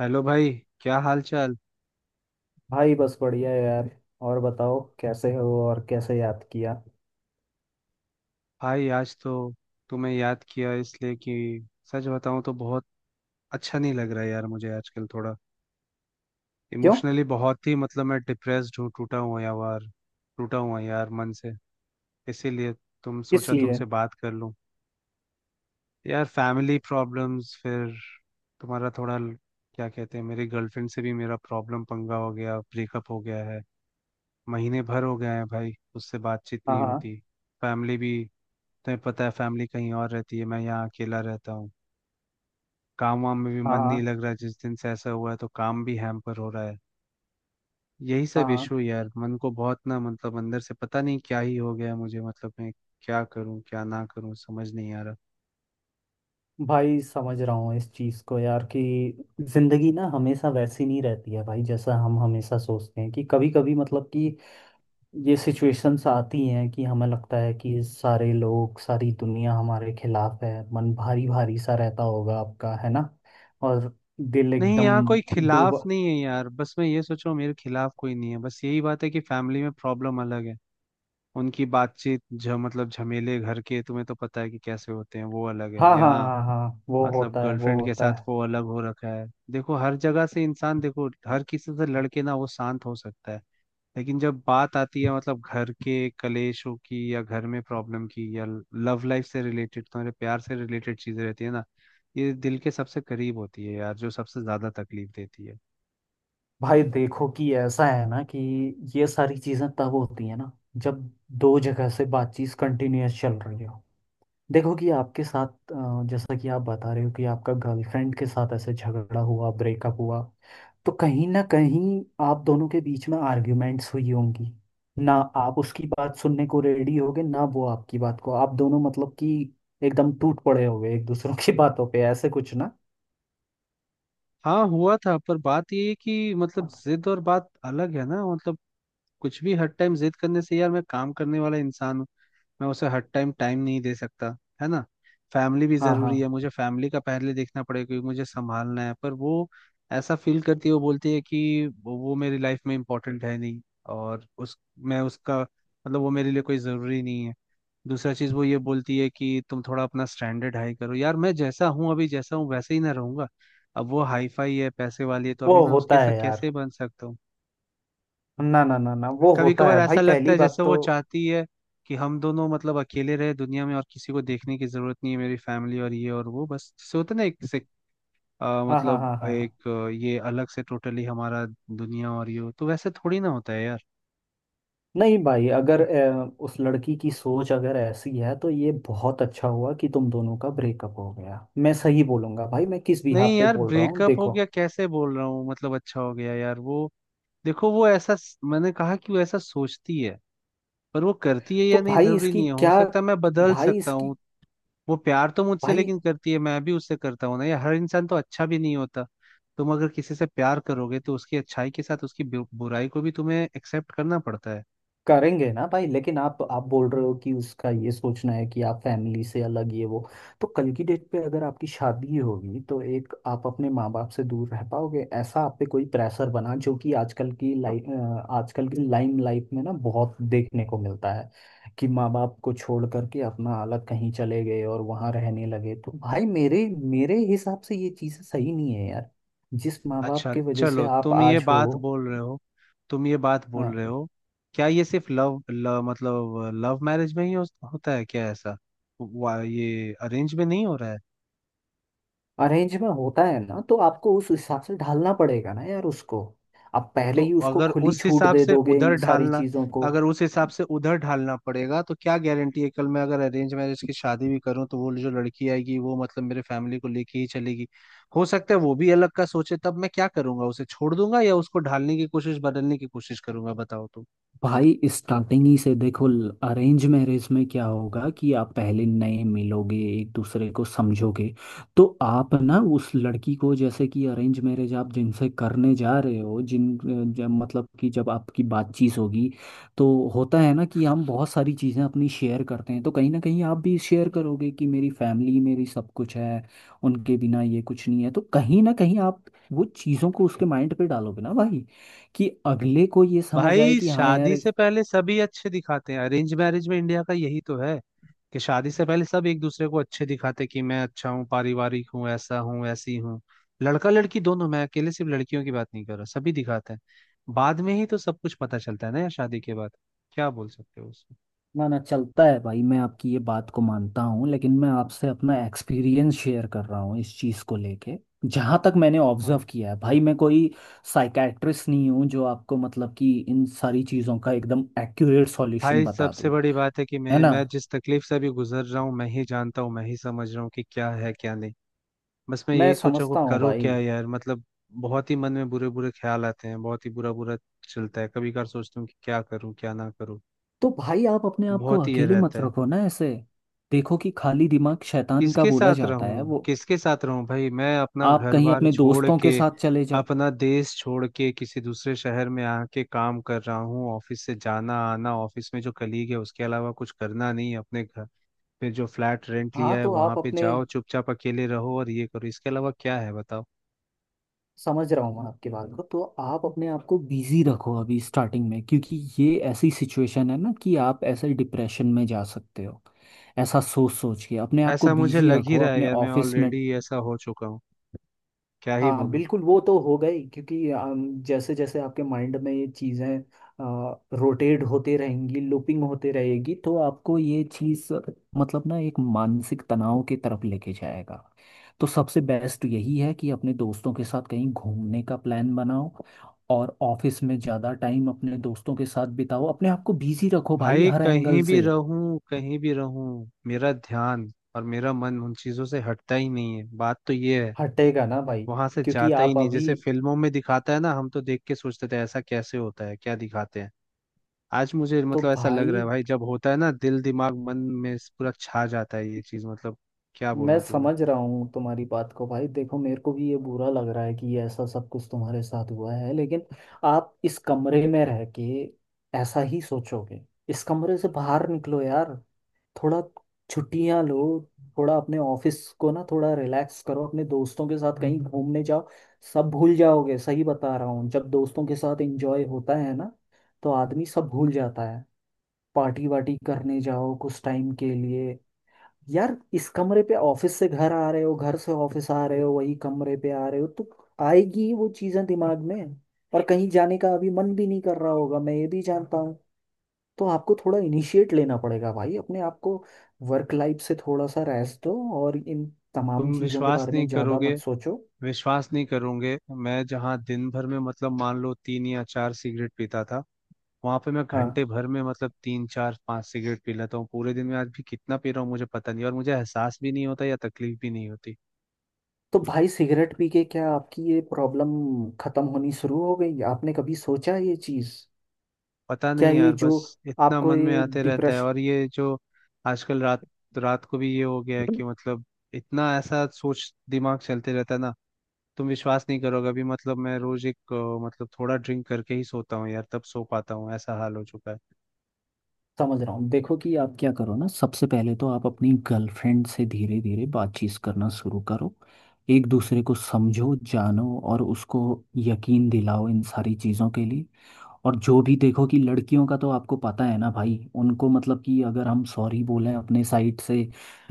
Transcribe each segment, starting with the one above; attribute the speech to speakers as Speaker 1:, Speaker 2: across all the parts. Speaker 1: Hello भाई। क्या हाल चाल।
Speaker 2: भाई बस बढ़िया है यार। और बताओ कैसे हो और कैसे याद किया।
Speaker 1: भाई आज तो तुम्हें याद किया इसलिए कि सच बताऊं तो बहुत अच्छा नहीं लग रहा है यार मुझे आजकल थोड़ा
Speaker 2: क्यों?
Speaker 1: इमोशनली बहुत ही मैं डिप्रेस्ड हूँ टूटा हुआ यार। टूटा हुआ यार मन से। इसीलिए तुम
Speaker 2: किस
Speaker 1: सोचा
Speaker 2: लिए?
Speaker 1: तुमसे बात कर लूं। यार फैमिली प्रॉब्लम्स, फिर तुम्हारा थोड़ा क्या कहते हैं, मेरी गर्लफ्रेंड से भी मेरा प्रॉब्लम पंगा हो गया, ब्रेकअप हो गया है। महीने भर हो गए हैं भाई, उससे बातचीत
Speaker 2: हाँ
Speaker 1: नहीं
Speaker 2: हाँ।
Speaker 1: होती। फैमिली भी, तुम्हें पता है फैमिली कहीं और रहती है, मैं यहाँ अकेला रहता हूँ। काम वाम में भी
Speaker 2: हाँ
Speaker 1: मन नहीं
Speaker 2: हाँ
Speaker 1: लग रहा है, जिस दिन से ऐसा हुआ है तो काम भी हैम्पर हो रहा है। यही सब
Speaker 2: हाँ।
Speaker 1: इशू यार, मन को बहुत ना अंदर से पता नहीं क्या ही हो गया है मुझे, मतलब मैं क्या करूँ क्या ना करूँ समझ नहीं आ रहा।
Speaker 2: भाई समझ रहा हूँ इस चीज़ को यार कि जिंदगी ना हमेशा वैसी नहीं रहती है भाई, जैसा हम हमेशा सोचते हैं कि कभी कभी मतलब कि ये सिचुएशंस आती हैं कि हमें लगता है कि सारे लोग, सारी दुनिया हमारे खिलाफ है। मन भारी भारी सा रहता होगा आपका, है ना? और दिल
Speaker 1: नहीं,
Speaker 2: एकदम
Speaker 1: यहाँ कोई खिलाफ
Speaker 2: डूबा।
Speaker 1: नहीं है यार, बस मैं ये सोच रहा हूँ मेरे खिलाफ कोई नहीं है, बस यही बात है कि फैमिली में प्रॉब्लम अलग है। उनकी बातचीत ज मतलब झमेले घर के तुम्हें तो पता है कि कैसे होते हैं, वो अलग है।
Speaker 2: हाँ हाँ
Speaker 1: यहाँ
Speaker 2: हाँ हाँ, वो
Speaker 1: मतलब
Speaker 2: होता है वो
Speaker 1: गर्लफ्रेंड के
Speaker 2: होता
Speaker 1: साथ
Speaker 2: है।
Speaker 1: वो अलग हो रखा है। देखो हर जगह से इंसान, देखो हर किसी से लड़के ना वो शांत हो सकता है, लेकिन जब बात आती है मतलब घर के कलेशों की या घर में प्रॉब्लम की या लव लाइफ से रिलेटेड, तुम्हारे प्यार से रिलेटेड चीजें रहती है ना, ये दिल के सबसे करीब होती है यार, जो सबसे ज्यादा तकलीफ देती है।
Speaker 2: भाई देखो कि ऐसा है ना कि ये सारी चीजें तब होती है ना, जब दो जगह से बातचीत कंटिन्यूअस चल रही हो। देखो कि आपके साथ जैसा कि आप बता रहे हो कि आपका गर्लफ्रेंड के साथ ऐसे झगड़ा हुआ, ब्रेकअप हुआ। तो कहीं ना कहीं आप दोनों के बीच में आर्ग्यूमेंट्स हुई होंगी। ना आप उसकी बात सुनने को रेडी होगे, ना वो आपकी बात को। आप दोनों मतलब कि एकदम टूट पड़े होगे एक दूसरों की बातों पे, ऐसे कुछ ना।
Speaker 1: हाँ हुआ था, पर बात ये है कि मतलब जिद और बात अलग है ना। मतलब कुछ भी हर टाइम जिद करने से, यार मैं काम करने वाला इंसान हूँ, मैं उसे हर टाइम टाइम नहीं दे सकता। है ना। फैमिली भी
Speaker 2: हाँ
Speaker 1: जरूरी है,
Speaker 2: हाँ,
Speaker 1: मुझे फैमिली का पहले देखना पड़ेगा क्योंकि मुझे संभालना है। पर वो ऐसा फील करती है, वो बोलती है कि वो मेरी लाइफ में इम्पोर्टेंट है नहीं, और उस मैं उसका मतलब वो मेरे लिए कोई ज़रूरी नहीं है। दूसरा चीज़ वो ये बोलती है कि तुम थोड़ा अपना स्टैंडर्ड हाई करो, यार मैं जैसा हूँ, अभी जैसा हूँ वैसे ही ना रहूंगा। अब वो हाई फाई है, पैसे वाली है, तो अभी
Speaker 2: वो
Speaker 1: मैं उसके
Speaker 2: होता
Speaker 1: साथ
Speaker 2: है यार।
Speaker 1: कैसे बन सकता हूँ।
Speaker 2: ना ना ना ना, वो
Speaker 1: कभी
Speaker 2: होता
Speaker 1: कभार
Speaker 2: है भाई,
Speaker 1: ऐसा लगता
Speaker 2: पहली
Speaker 1: है
Speaker 2: बात
Speaker 1: जैसे
Speaker 2: तो।
Speaker 1: वो चाहती है कि हम दोनों मतलब अकेले रहे दुनिया में, और किसी को देखने की जरूरत नहीं है, मेरी फैमिली और ये और वो, बस जैसे होता है ना एक से
Speaker 2: हाँ हाँ
Speaker 1: मतलब
Speaker 2: हाँ हाँ हाँ।
Speaker 1: एक ये अलग से टोटली हमारा दुनिया और ये हो, तो वैसे थोड़ी ना होता है यार।
Speaker 2: नहीं भाई, अगर उस लड़की की सोच अगर ऐसी है, तो ये बहुत अच्छा हुआ कि तुम दोनों का ब्रेकअप हो गया। मैं सही बोलूंगा भाई, मैं किस
Speaker 1: नहीं
Speaker 2: बिहाफ पे
Speaker 1: यार,
Speaker 2: बोल रहा हूँ
Speaker 1: ब्रेकअप हो
Speaker 2: देखो।
Speaker 1: गया कैसे बोल रहा हूँ मतलब अच्छा हो गया यार वो, देखो वो ऐसा मैंने कहा कि वो ऐसा सोचती है, पर वो करती है
Speaker 2: तो
Speaker 1: या नहीं
Speaker 2: भाई
Speaker 1: जरूरी
Speaker 2: इसकी
Speaker 1: नहीं है, हो
Speaker 2: क्या।
Speaker 1: सकता है मैं बदल
Speaker 2: भाई
Speaker 1: सकता
Speaker 2: इसकी।
Speaker 1: हूँ। वो प्यार तो मुझसे
Speaker 2: भाई
Speaker 1: लेकिन करती है, मैं भी उससे करता हूँ ना यार, हर इंसान तो अच्छा भी नहीं होता। तुम अगर किसी से प्यार करोगे तो उसकी अच्छाई के साथ उसकी बुराई को भी तुम्हें एक्सेप्ट करना पड़ता है।
Speaker 2: करेंगे ना भाई, लेकिन आप बोल रहे हो कि उसका ये सोचना है कि आप फैमिली से अलग, ये वो। तो कल की डेट पे अगर आपकी शादी होगी, तो एक आप अपने माँ बाप से दूर रह पाओगे, ऐसा आप पे कोई प्रेशर बना, जो कि आजकल की लाइन लाइफ में ना बहुत देखने को मिलता है कि माँ बाप को छोड़ करके अपना अलग कहीं चले गए और वहां रहने लगे। तो भाई मेरे मेरे हिसाब से ये चीजें सही नहीं है यार। जिस माँ बाप
Speaker 1: अच्छा
Speaker 2: की वजह से
Speaker 1: चलो,
Speaker 2: आप
Speaker 1: तुम ये
Speaker 2: आज हो।
Speaker 1: बात बोल रहे हो, तुम ये बात बोल रहे हो, क्या ये सिर्फ लव मैरिज में ही हो, होता है क्या ऐसा? ये अरेंज में नहीं हो रहा है?
Speaker 2: अरेंज में होता है ना, तो आपको उस हिसाब से ढालना पड़ेगा ना यार उसको। आप
Speaker 1: तो
Speaker 2: पहले ही उसको
Speaker 1: अगर
Speaker 2: खुली
Speaker 1: उस
Speaker 2: छूट
Speaker 1: हिसाब
Speaker 2: दे
Speaker 1: से
Speaker 2: दोगे
Speaker 1: उधर
Speaker 2: इन सारी
Speaker 1: ढालना
Speaker 2: चीजों को।
Speaker 1: अगर उस हिसाब से उधर ढालना पड़ेगा तो क्या गारंटी है कल मैं अगर अरेंज मैरिज की शादी भी करूं तो वो जो लड़की आएगी वो मतलब मेरे फैमिली को लेके ही चलेगी? हो सकता है वो भी अलग का सोचे, तब मैं क्या करूंगा? उसे छोड़ दूंगा या उसको ढालने की कोशिश, बदलने की कोशिश करूंगा? बताओ तो।
Speaker 2: भाई स्टार्टिंग ही से देखो, अरेंज मैरिज में क्या होगा कि आप पहले नए मिलोगे, एक दूसरे को समझोगे। तो आप ना उस लड़की को, जैसे कि अरेंज मैरिज आप जिनसे करने जा रहे हो जिन मतलब कि जब आपकी बातचीत होगी, तो होता है ना कि हम बहुत सारी चीज़ें अपनी शेयर करते हैं, तो कहीं ना कहीं आप भी शेयर करोगे कि मेरी फैमिली मेरी सब कुछ है, उनके बिना ये कुछ नहीं है। तो कहीं ना कहीं आप वो चीज़ों को उसके माइंड पे डालोगे ना भाई, कि अगले को ये समझ आए
Speaker 1: भाई
Speaker 2: कि हाँ यार।
Speaker 1: शादी से पहले सभी अच्छे दिखाते हैं, अरेंज मैरिज में इंडिया का यही तो है कि शादी से पहले सब एक दूसरे को अच्छे दिखाते कि मैं अच्छा हूँ, पारिवारिक हूँ, ऐसा हूँ, ऐसी हूँ। लड़का लड़की दोनों, मैं अकेले सिर्फ लड़कियों की बात नहीं कर रहा, सभी दिखाते हैं। बाद में ही तो सब कुछ पता चलता है ना यार, शादी के बाद। क्या बोल सकते हो उसमें।
Speaker 2: ना ना, चलता है भाई, मैं आपकी ये बात को मानता हूँ, लेकिन मैं आपसे अपना एक्सपीरियंस शेयर कर रहा हूँ इस चीज़ को लेके। जहाँ तक मैंने ऑब्जर्व
Speaker 1: हाँ।
Speaker 2: किया है भाई, मैं कोई साइकेट्रिस्ट नहीं हूँ जो आपको मतलब कि इन सारी चीज़ों का एकदम एक्यूरेट सॉल्यूशन
Speaker 1: भाई
Speaker 2: बता
Speaker 1: सबसे
Speaker 2: दूँ,
Speaker 1: बड़ी बात है कि
Speaker 2: है
Speaker 1: मैं
Speaker 2: ना।
Speaker 1: मैं जिस तकलीफ से अभी गुजर रहा हूँ मैं ही जानता हूँ, मैं ही समझ रहा हूँ कि क्या है क्या नहीं। बस मैं
Speaker 2: मैं
Speaker 1: यही सोचा को
Speaker 2: समझता हूँ
Speaker 1: करूँ
Speaker 2: भाई।
Speaker 1: क्या यार, मतलब बहुत ही मन में बुरे बुरे ख्याल आते हैं, बहुत ही बुरा बुरा चलता है। कभी कभार सोचता हूँ कि क्या करूँ क्या ना करूँ,
Speaker 2: तो भाई आप अपने आप को
Speaker 1: बहुत ही ये
Speaker 2: अकेले
Speaker 1: रहता
Speaker 2: मत
Speaker 1: है।
Speaker 2: रखो ना ऐसे। देखो कि खाली दिमाग शैतान का
Speaker 1: किसके
Speaker 2: बोला
Speaker 1: साथ
Speaker 2: जाता है,
Speaker 1: रहूँ,
Speaker 2: वो।
Speaker 1: किसके साथ रहूँ भाई, मैं अपना
Speaker 2: आप
Speaker 1: घर
Speaker 2: कहीं
Speaker 1: बार
Speaker 2: अपने
Speaker 1: छोड़
Speaker 2: दोस्तों
Speaker 1: के,
Speaker 2: के साथ चले जाओ।
Speaker 1: अपना देश छोड़ के, किसी दूसरे शहर में आके काम कर रहा हूँ। ऑफिस से जाना आना, ऑफिस में जो कलीग है उसके अलावा कुछ करना नहीं है, अपने घर पे जो फ्लैट रेंट
Speaker 2: हाँ,
Speaker 1: लिया है
Speaker 2: तो
Speaker 1: वहां
Speaker 2: आप
Speaker 1: पे
Speaker 2: अपने,
Speaker 1: जाओ चुपचाप अकेले रहो और ये करो, इसके अलावा क्या है बताओ।
Speaker 2: समझ रहा हूँ मैं आपकी बात को, तो आप अपने आप को बिजी रखो अभी स्टार्टिंग में, क्योंकि ये ऐसी सिचुएशन है ना कि आप ऐसे डिप्रेशन में जा सकते हो। ऐसा सोच सोच के अपने आप को
Speaker 1: ऐसा मुझे
Speaker 2: बिजी
Speaker 1: लग ही
Speaker 2: रखो
Speaker 1: रहा है
Speaker 2: अपने
Speaker 1: यार, मैं
Speaker 2: ऑफिस में।
Speaker 1: ऑलरेडी ऐसा हो चुका हूँ, क्या ही
Speaker 2: हाँ
Speaker 1: बोलूं।
Speaker 2: बिल्कुल, वो तो हो गई, क्योंकि जैसे जैसे आपके माइंड में ये चीज़ें रोटेट होते रहेंगी, लूपिंग होते रहेगी, तो आपको ये चीज़ मतलब ना एक मानसिक तनाव की तरफ लेके जाएगा। तो सबसे बेस्ट यही है कि अपने दोस्तों के साथ कहीं घूमने का प्लान बनाओ और ऑफिस में ज़्यादा टाइम अपने दोस्तों के साथ बिताओ, अपने आप को बिजी रखो भाई
Speaker 1: भाई
Speaker 2: हर
Speaker 1: कहीं
Speaker 2: एंगल
Speaker 1: भी
Speaker 2: से।
Speaker 1: रहूं, कहीं भी रहूं, मेरा ध्यान और मेरा मन उन चीजों से हटता ही नहीं है, बात तो ये है,
Speaker 2: हटेगा ना भाई,
Speaker 1: वहां से
Speaker 2: क्योंकि
Speaker 1: जाता ही
Speaker 2: आप
Speaker 1: नहीं।
Speaker 2: अभी।
Speaker 1: जैसे फिल्मों में दिखाता है ना, हम तो देख के सोचते थे ऐसा कैसे होता है, क्या दिखाते हैं। आज मुझे
Speaker 2: तो
Speaker 1: मतलब ऐसा लग रहा
Speaker 2: भाई
Speaker 1: है भाई, जब होता है ना दिल दिमाग मन में पूरा छा जाता है ये चीज, मतलब क्या
Speaker 2: मैं
Speaker 1: बोलूं तुम्हें।
Speaker 2: समझ रहा हूँ तुम्हारी बात को भाई, देखो मेरे को भी ये बुरा लग रहा है कि ये ऐसा सब कुछ तुम्हारे साथ हुआ है, लेकिन आप इस कमरे में रह के ऐसा ही सोचोगे। इस कमरे से बाहर निकलो यार, थोड़ा छुट्टियां लो। थोड़ा अपने ऑफिस को ना थोड़ा रिलैक्स करो, अपने दोस्तों के साथ कहीं घूमने जाओ। सब भूल जाओगे, सही बता रहा हूँ। जब दोस्तों के साथ एंजॉय होता है ना, तो आदमी सब भूल जाता है। पार्टी वार्टी करने जाओ कुछ टाइम के लिए यार। इस कमरे पे, ऑफिस से घर आ रहे हो, घर से ऑफिस आ रहे हो, वही कमरे पे आ रहे हो, तो आएगी ही वो चीजें दिमाग में। और कहीं जाने का अभी मन भी नहीं कर रहा होगा, मैं ये भी जानता हूँ। तो आपको थोड़ा इनिशिएट लेना पड़ेगा भाई अपने आप को, वर्क लाइफ से थोड़ा सा रेस्ट दो और इन तमाम
Speaker 1: तुम
Speaker 2: चीजों के
Speaker 1: विश्वास
Speaker 2: बारे में
Speaker 1: नहीं
Speaker 2: ज्यादा
Speaker 1: करोगे,
Speaker 2: मत सोचो।
Speaker 1: विश्वास नहीं करोगे, मैं जहाँ दिन भर में मतलब मान लो तीन या चार सिगरेट पीता था, वहां पे मैं
Speaker 2: हाँ।
Speaker 1: घंटे भर में मतलब तीन चार पांच सिगरेट पी लेता हूँ। पूरे दिन में आज भी कितना पी रहा हूँ मुझे पता नहीं, और मुझे एहसास भी नहीं होता या तकलीफ भी नहीं होती।
Speaker 2: तो भाई सिगरेट पी के क्या आपकी ये प्रॉब्लम खत्म होनी शुरू हो गई? आपने कभी सोचा ये चीज?
Speaker 1: पता
Speaker 2: क्या
Speaker 1: नहीं
Speaker 2: ये
Speaker 1: यार,
Speaker 2: जो
Speaker 1: बस इतना
Speaker 2: आपको
Speaker 1: मन में
Speaker 2: ये
Speaker 1: आते रहता है,
Speaker 2: डिप्रेशन।
Speaker 1: और ये जो आजकल रात रात को भी ये हो गया है कि मतलब इतना ऐसा सोच दिमाग चलते रहता है ना। तुम विश्वास नहीं करोगे, अभी मतलब मैं रोज एक मतलब थोड़ा ड्रिंक करके ही सोता हूँ यार, तब सो पाता हूँ, ऐसा हाल हो चुका है।
Speaker 2: समझ रहा हूँ, देखो कि आप क्या करो ना, सबसे पहले तो आप अपनी गर्लफ्रेंड से धीरे धीरे बातचीत करना शुरू करो। एक दूसरे को समझो, जानो और उसको यकीन दिलाओ इन सारी चीज़ों के लिए। और जो भी देखो कि लड़कियों का तो आपको पता है ना भाई, उनको मतलब कि अगर हम सॉरी बोलें अपने साइड से,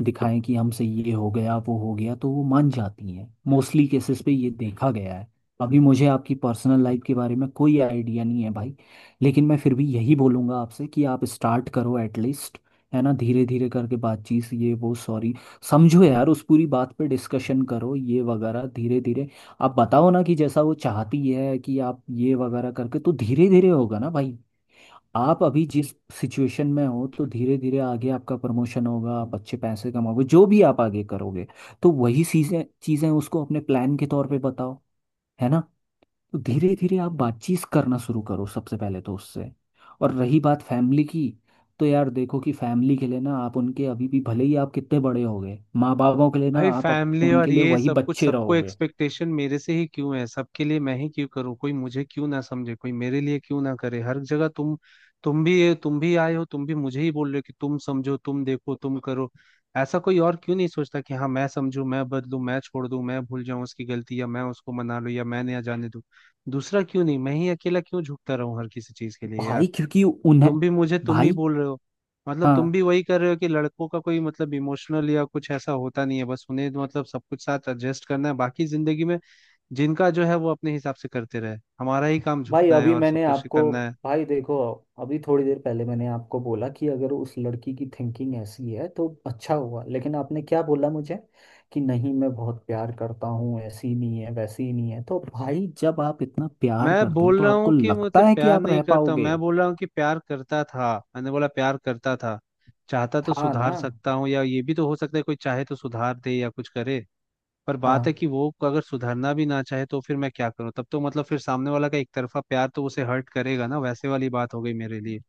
Speaker 2: दिखाएं कि हमसे ये हो गया वो हो गया, तो वो मान जाती हैं। मोस्टली केसेस पे ये देखा गया है। अभी मुझे आपकी पर्सनल लाइफ के बारे में कोई आइडिया नहीं है भाई, लेकिन मैं फिर भी यही बोलूँगा आपसे कि आप स्टार्ट करो एटलीस्ट, है ना, धीरे धीरे करके बातचीत ये वो सॉरी। समझो यार, उस पूरी बात पे डिस्कशन करो ये वगैरह धीरे धीरे। आप बताओ ना कि जैसा वो चाहती है कि आप ये वगैरह करके, तो धीरे धीरे होगा ना भाई। आप अभी जिस सिचुएशन में हो, तो धीरे धीरे आगे आपका प्रमोशन होगा, आप अच्छे पैसे कमाओगे, जो भी आप आगे करोगे, तो वही चीजें चीजें उसको अपने प्लान के तौर पे बताओ, है ना। तो धीरे धीरे आप बातचीत करना शुरू करो सबसे पहले तो उससे। और रही बात फैमिली की, तो यार देखो कि फैमिली के लिए ना आप उनके, अभी भी भले ही आप कितने बड़े हो गए, माँ बापों के लिए ना
Speaker 1: भाई
Speaker 2: आप
Speaker 1: फैमिली और
Speaker 2: उनके लिए
Speaker 1: ये
Speaker 2: वही
Speaker 1: सब कुछ,
Speaker 2: बच्चे
Speaker 1: सबको
Speaker 2: रहोगे।
Speaker 1: एक्सपेक्टेशन मेरे से ही क्यों है? सबके लिए मैं ही क्यों करूँ? कोई मुझे क्यों ना समझे, कोई मेरे लिए क्यों ना करे? हर जगह तुम, तुम भी आए हो, तुम भी मुझे ही बोल रहे हो कि तुम समझो, तुम देखो, तुम करो। ऐसा कोई और क्यों नहीं सोचता कि हाँ मैं समझू, मैं बदलू, मैं छोड़ दूं, मैं भूल जाऊं उसकी गलती, या मैं उसको मना लूं या मैं नया जाने दूं। दूसरा क्यों नहीं, मैं ही अकेला क्यों झुकता रहूं हर किसी चीज के लिए
Speaker 2: भाई
Speaker 1: यार।
Speaker 2: क्योंकि उन्हें।
Speaker 1: तुम भी मुझे तुम ही
Speaker 2: भाई।
Speaker 1: बोल रहे हो, मतलब
Speaker 2: हाँ।
Speaker 1: तुम भी वही कर रहे हो कि लड़कों का कोई मतलब इमोशनल या कुछ ऐसा होता नहीं है, बस उन्हें तो मतलब सब कुछ साथ एडजस्ट करना है बाकी जिंदगी में। जिनका जो है वो अपने हिसाब से करते रहे, हमारा ही काम
Speaker 2: भाई
Speaker 1: झुकना है
Speaker 2: अभी
Speaker 1: और सब
Speaker 2: मैंने
Speaker 1: कुछ
Speaker 2: आपको।
Speaker 1: करना है।
Speaker 2: भाई देखो, अभी थोड़ी देर पहले मैंने आपको बोला कि अगर उस लड़की की थिंकिंग ऐसी है तो अच्छा हुआ, लेकिन आपने क्या बोला मुझे? कि नहीं, मैं बहुत प्यार करता हूँ, ऐसी नहीं है, वैसी ही नहीं है, तो भाई जब आप इतना प्यार
Speaker 1: मैं
Speaker 2: करते हो,
Speaker 1: बोल
Speaker 2: तो
Speaker 1: रहा
Speaker 2: आपको
Speaker 1: हूँ कि
Speaker 2: लगता
Speaker 1: मतलब
Speaker 2: है कि
Speaker 1: प्यार
Speaker 2: आप
Speaker 1: नहीं
Speaker 2: रह
Speaker 1: करता हूं।
Speaker 2: पाओगे?
Speaker 1: मैं बोल रहा हूँ कि प्यार करता था, मैंने बोला प्यार करता था। चाहता तो
Speaker 2: था ना।
Speaker 1: सुधार सकता हूँ, या ये भी तो हो सकता है कोई चाहे तो सुधार दे या कुछ करे। पर बात है
Speaker 2: हाँ।
Speaker 1: कि वो अगर सुधरना भी ना चाहे तो फिर मैं क्या करूं? तब तो मतलब फिर सामने वाला का एक तरफा प्यार तो उसे हर्ट करेगा ना, वैसे वाली बात हो गई मेरे लिए।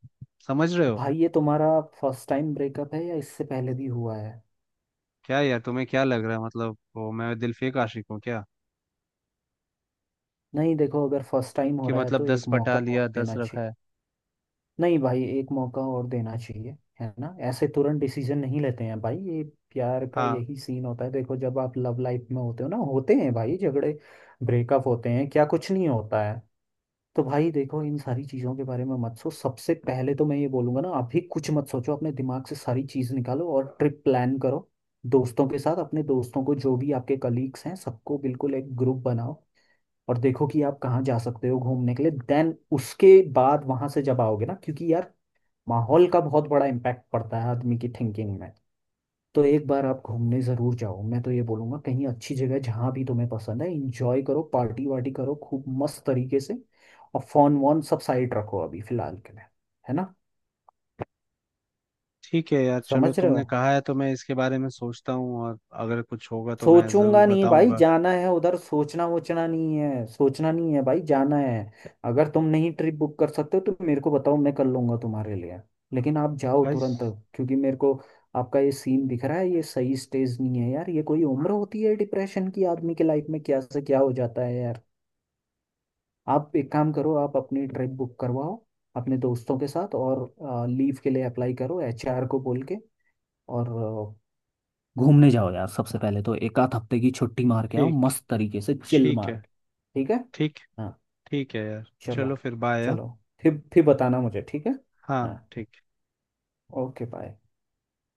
Speaker 1: समझ रहे हो।
Speaker 2: भाई ये तुम्हारा फर्स्ट टाइम ब्रेकअप है या इससे पहले भी हुआ है?
Speaker 1: क्या यार, तुम्हें क्या लग रहा है मतलब वो मैं दिलफेक आशिक हूँ क्या,
Speaker 2: नहीं देखो, अगर फर्स्ट टाइम हो
Speaker 1: कि
Speaker 2: रहा है
Speaker 1: मतलब
Speaker 2: तो
Speaker 1: दस
Speaker 2: एक
Speaker 1: पटा
Speaker 2: मौका
Speaker 1: लिया,
Speaker 2: और
Speaker 1: दस
Speaker 2: देना
Speaker 1: रखा
Speaker 2: चाहिए।
Speaker 1: है।
Speaker 2: नहीं भाई, एक मौका और देना चाहिए। है ना, ऐसे तुरंत डिसीजन नहीं लेते हैं भाई ये। प्यार का
Speaker 1: हाँ
Speaker 2: यही सीन होता है, देखो जब आप लव लाइफ में होते हो ना, होते हैं भाई झगड़े, ब्रेकअप होते हैं, क्या कुछ नहीं होता है। तो भाई देखो, इन सारी चीज़ों के बारे में मत सोच, सबसे पहले तो मैं ये बोलूंगा ना, अभी कुछ मत सोचो, अपने दिमाग से सारी चीज़ निकालो और ट्रिप प्लान करो दोस्तों के साथ। अपने दोस्तों को, जो भी आपके कलीग्स हैं सबको, बिल्कुल एक ग्रुप बनाओ और देखो कि आप कहाँ जा सकते हो घूमने के लिए। देन उसके बाद वहां से जब आओगे ना, क्योंकि यार माहौल का बहुत बड़ा इम्पैक्ट पड़ता है आदमी की थिंकिंग में। तो एक बार आप घूमने ज़रूर जाओ, मैं तो ये बोलूँगा कहीं अच्छी जगह जहाँ भी तुम्हें पसंद है। इंजॉय करो, पार्टी वार्टी करो खूब मस्त तरीके से। और फोन वोन सब साइड रखो अभी फिलहाल के लिए, है ना।
Speaker 1: ठीक है यार, चलो
Speaker 2: समझ रहे हो।
Speaker 1: तुमने कहा है तो मैं इसके बारे में सोचता हूँ, और अगर कुछ होगा तो मैं जरूर
Speaker 2: सोचूंगा नहीं भाई,
Speaker 1: बताऊंगा।
Speaker 2: जाना है उधर, सोचना वोचना नहीं है, सोचना नहीं है भाई, जाना है। अगर तुम नहीं ट्रिप बुक कर सकते हो तो मेरे को बताओ, मैं कर लूंगा तुम्हारे लिए, लेकिन आप जाओ
Speaker 1: भाई
Speaker 2: तुरंत। क्योंकि मेरे को आपका ये सीन दिख रहा है, ये सही स्टेज नहीं है यार। ये कोई उम्र होती है डिप्रेशन की? आदमी के लाइफ में क्या से क्या हो जाता है यार। आप एक काम करो, आप अपनी ट्रिप बुक करवाओ अपने दोस्तों के साथ और लीव के लिए अप्लाई करो एचआर को बोल के, और घूमने जाओ यार। सबसे पहले तो एक आध हफ्ते की छुट्टी मार के आओ,
Speaker 1: ठीक।
Speaker 2: मस्त तरीके से चिल
Speaker 1: ठीक है।
Speaker 2: मार के। ठीक है।
Speaker 1: ठीक।
Speaker 2: हाँ।
Speaker 1: ठीक है यार,
Speaker 2: चलो।
Speaker 1: चलो फिर बाय।
Speaker 2: चलो फिर बताना मुझे, ठीक है।
Speaker 1: हाँ
Speaker 2: हाँ।
Speaker 1: ठीक।
Speaker 2: Okay bye.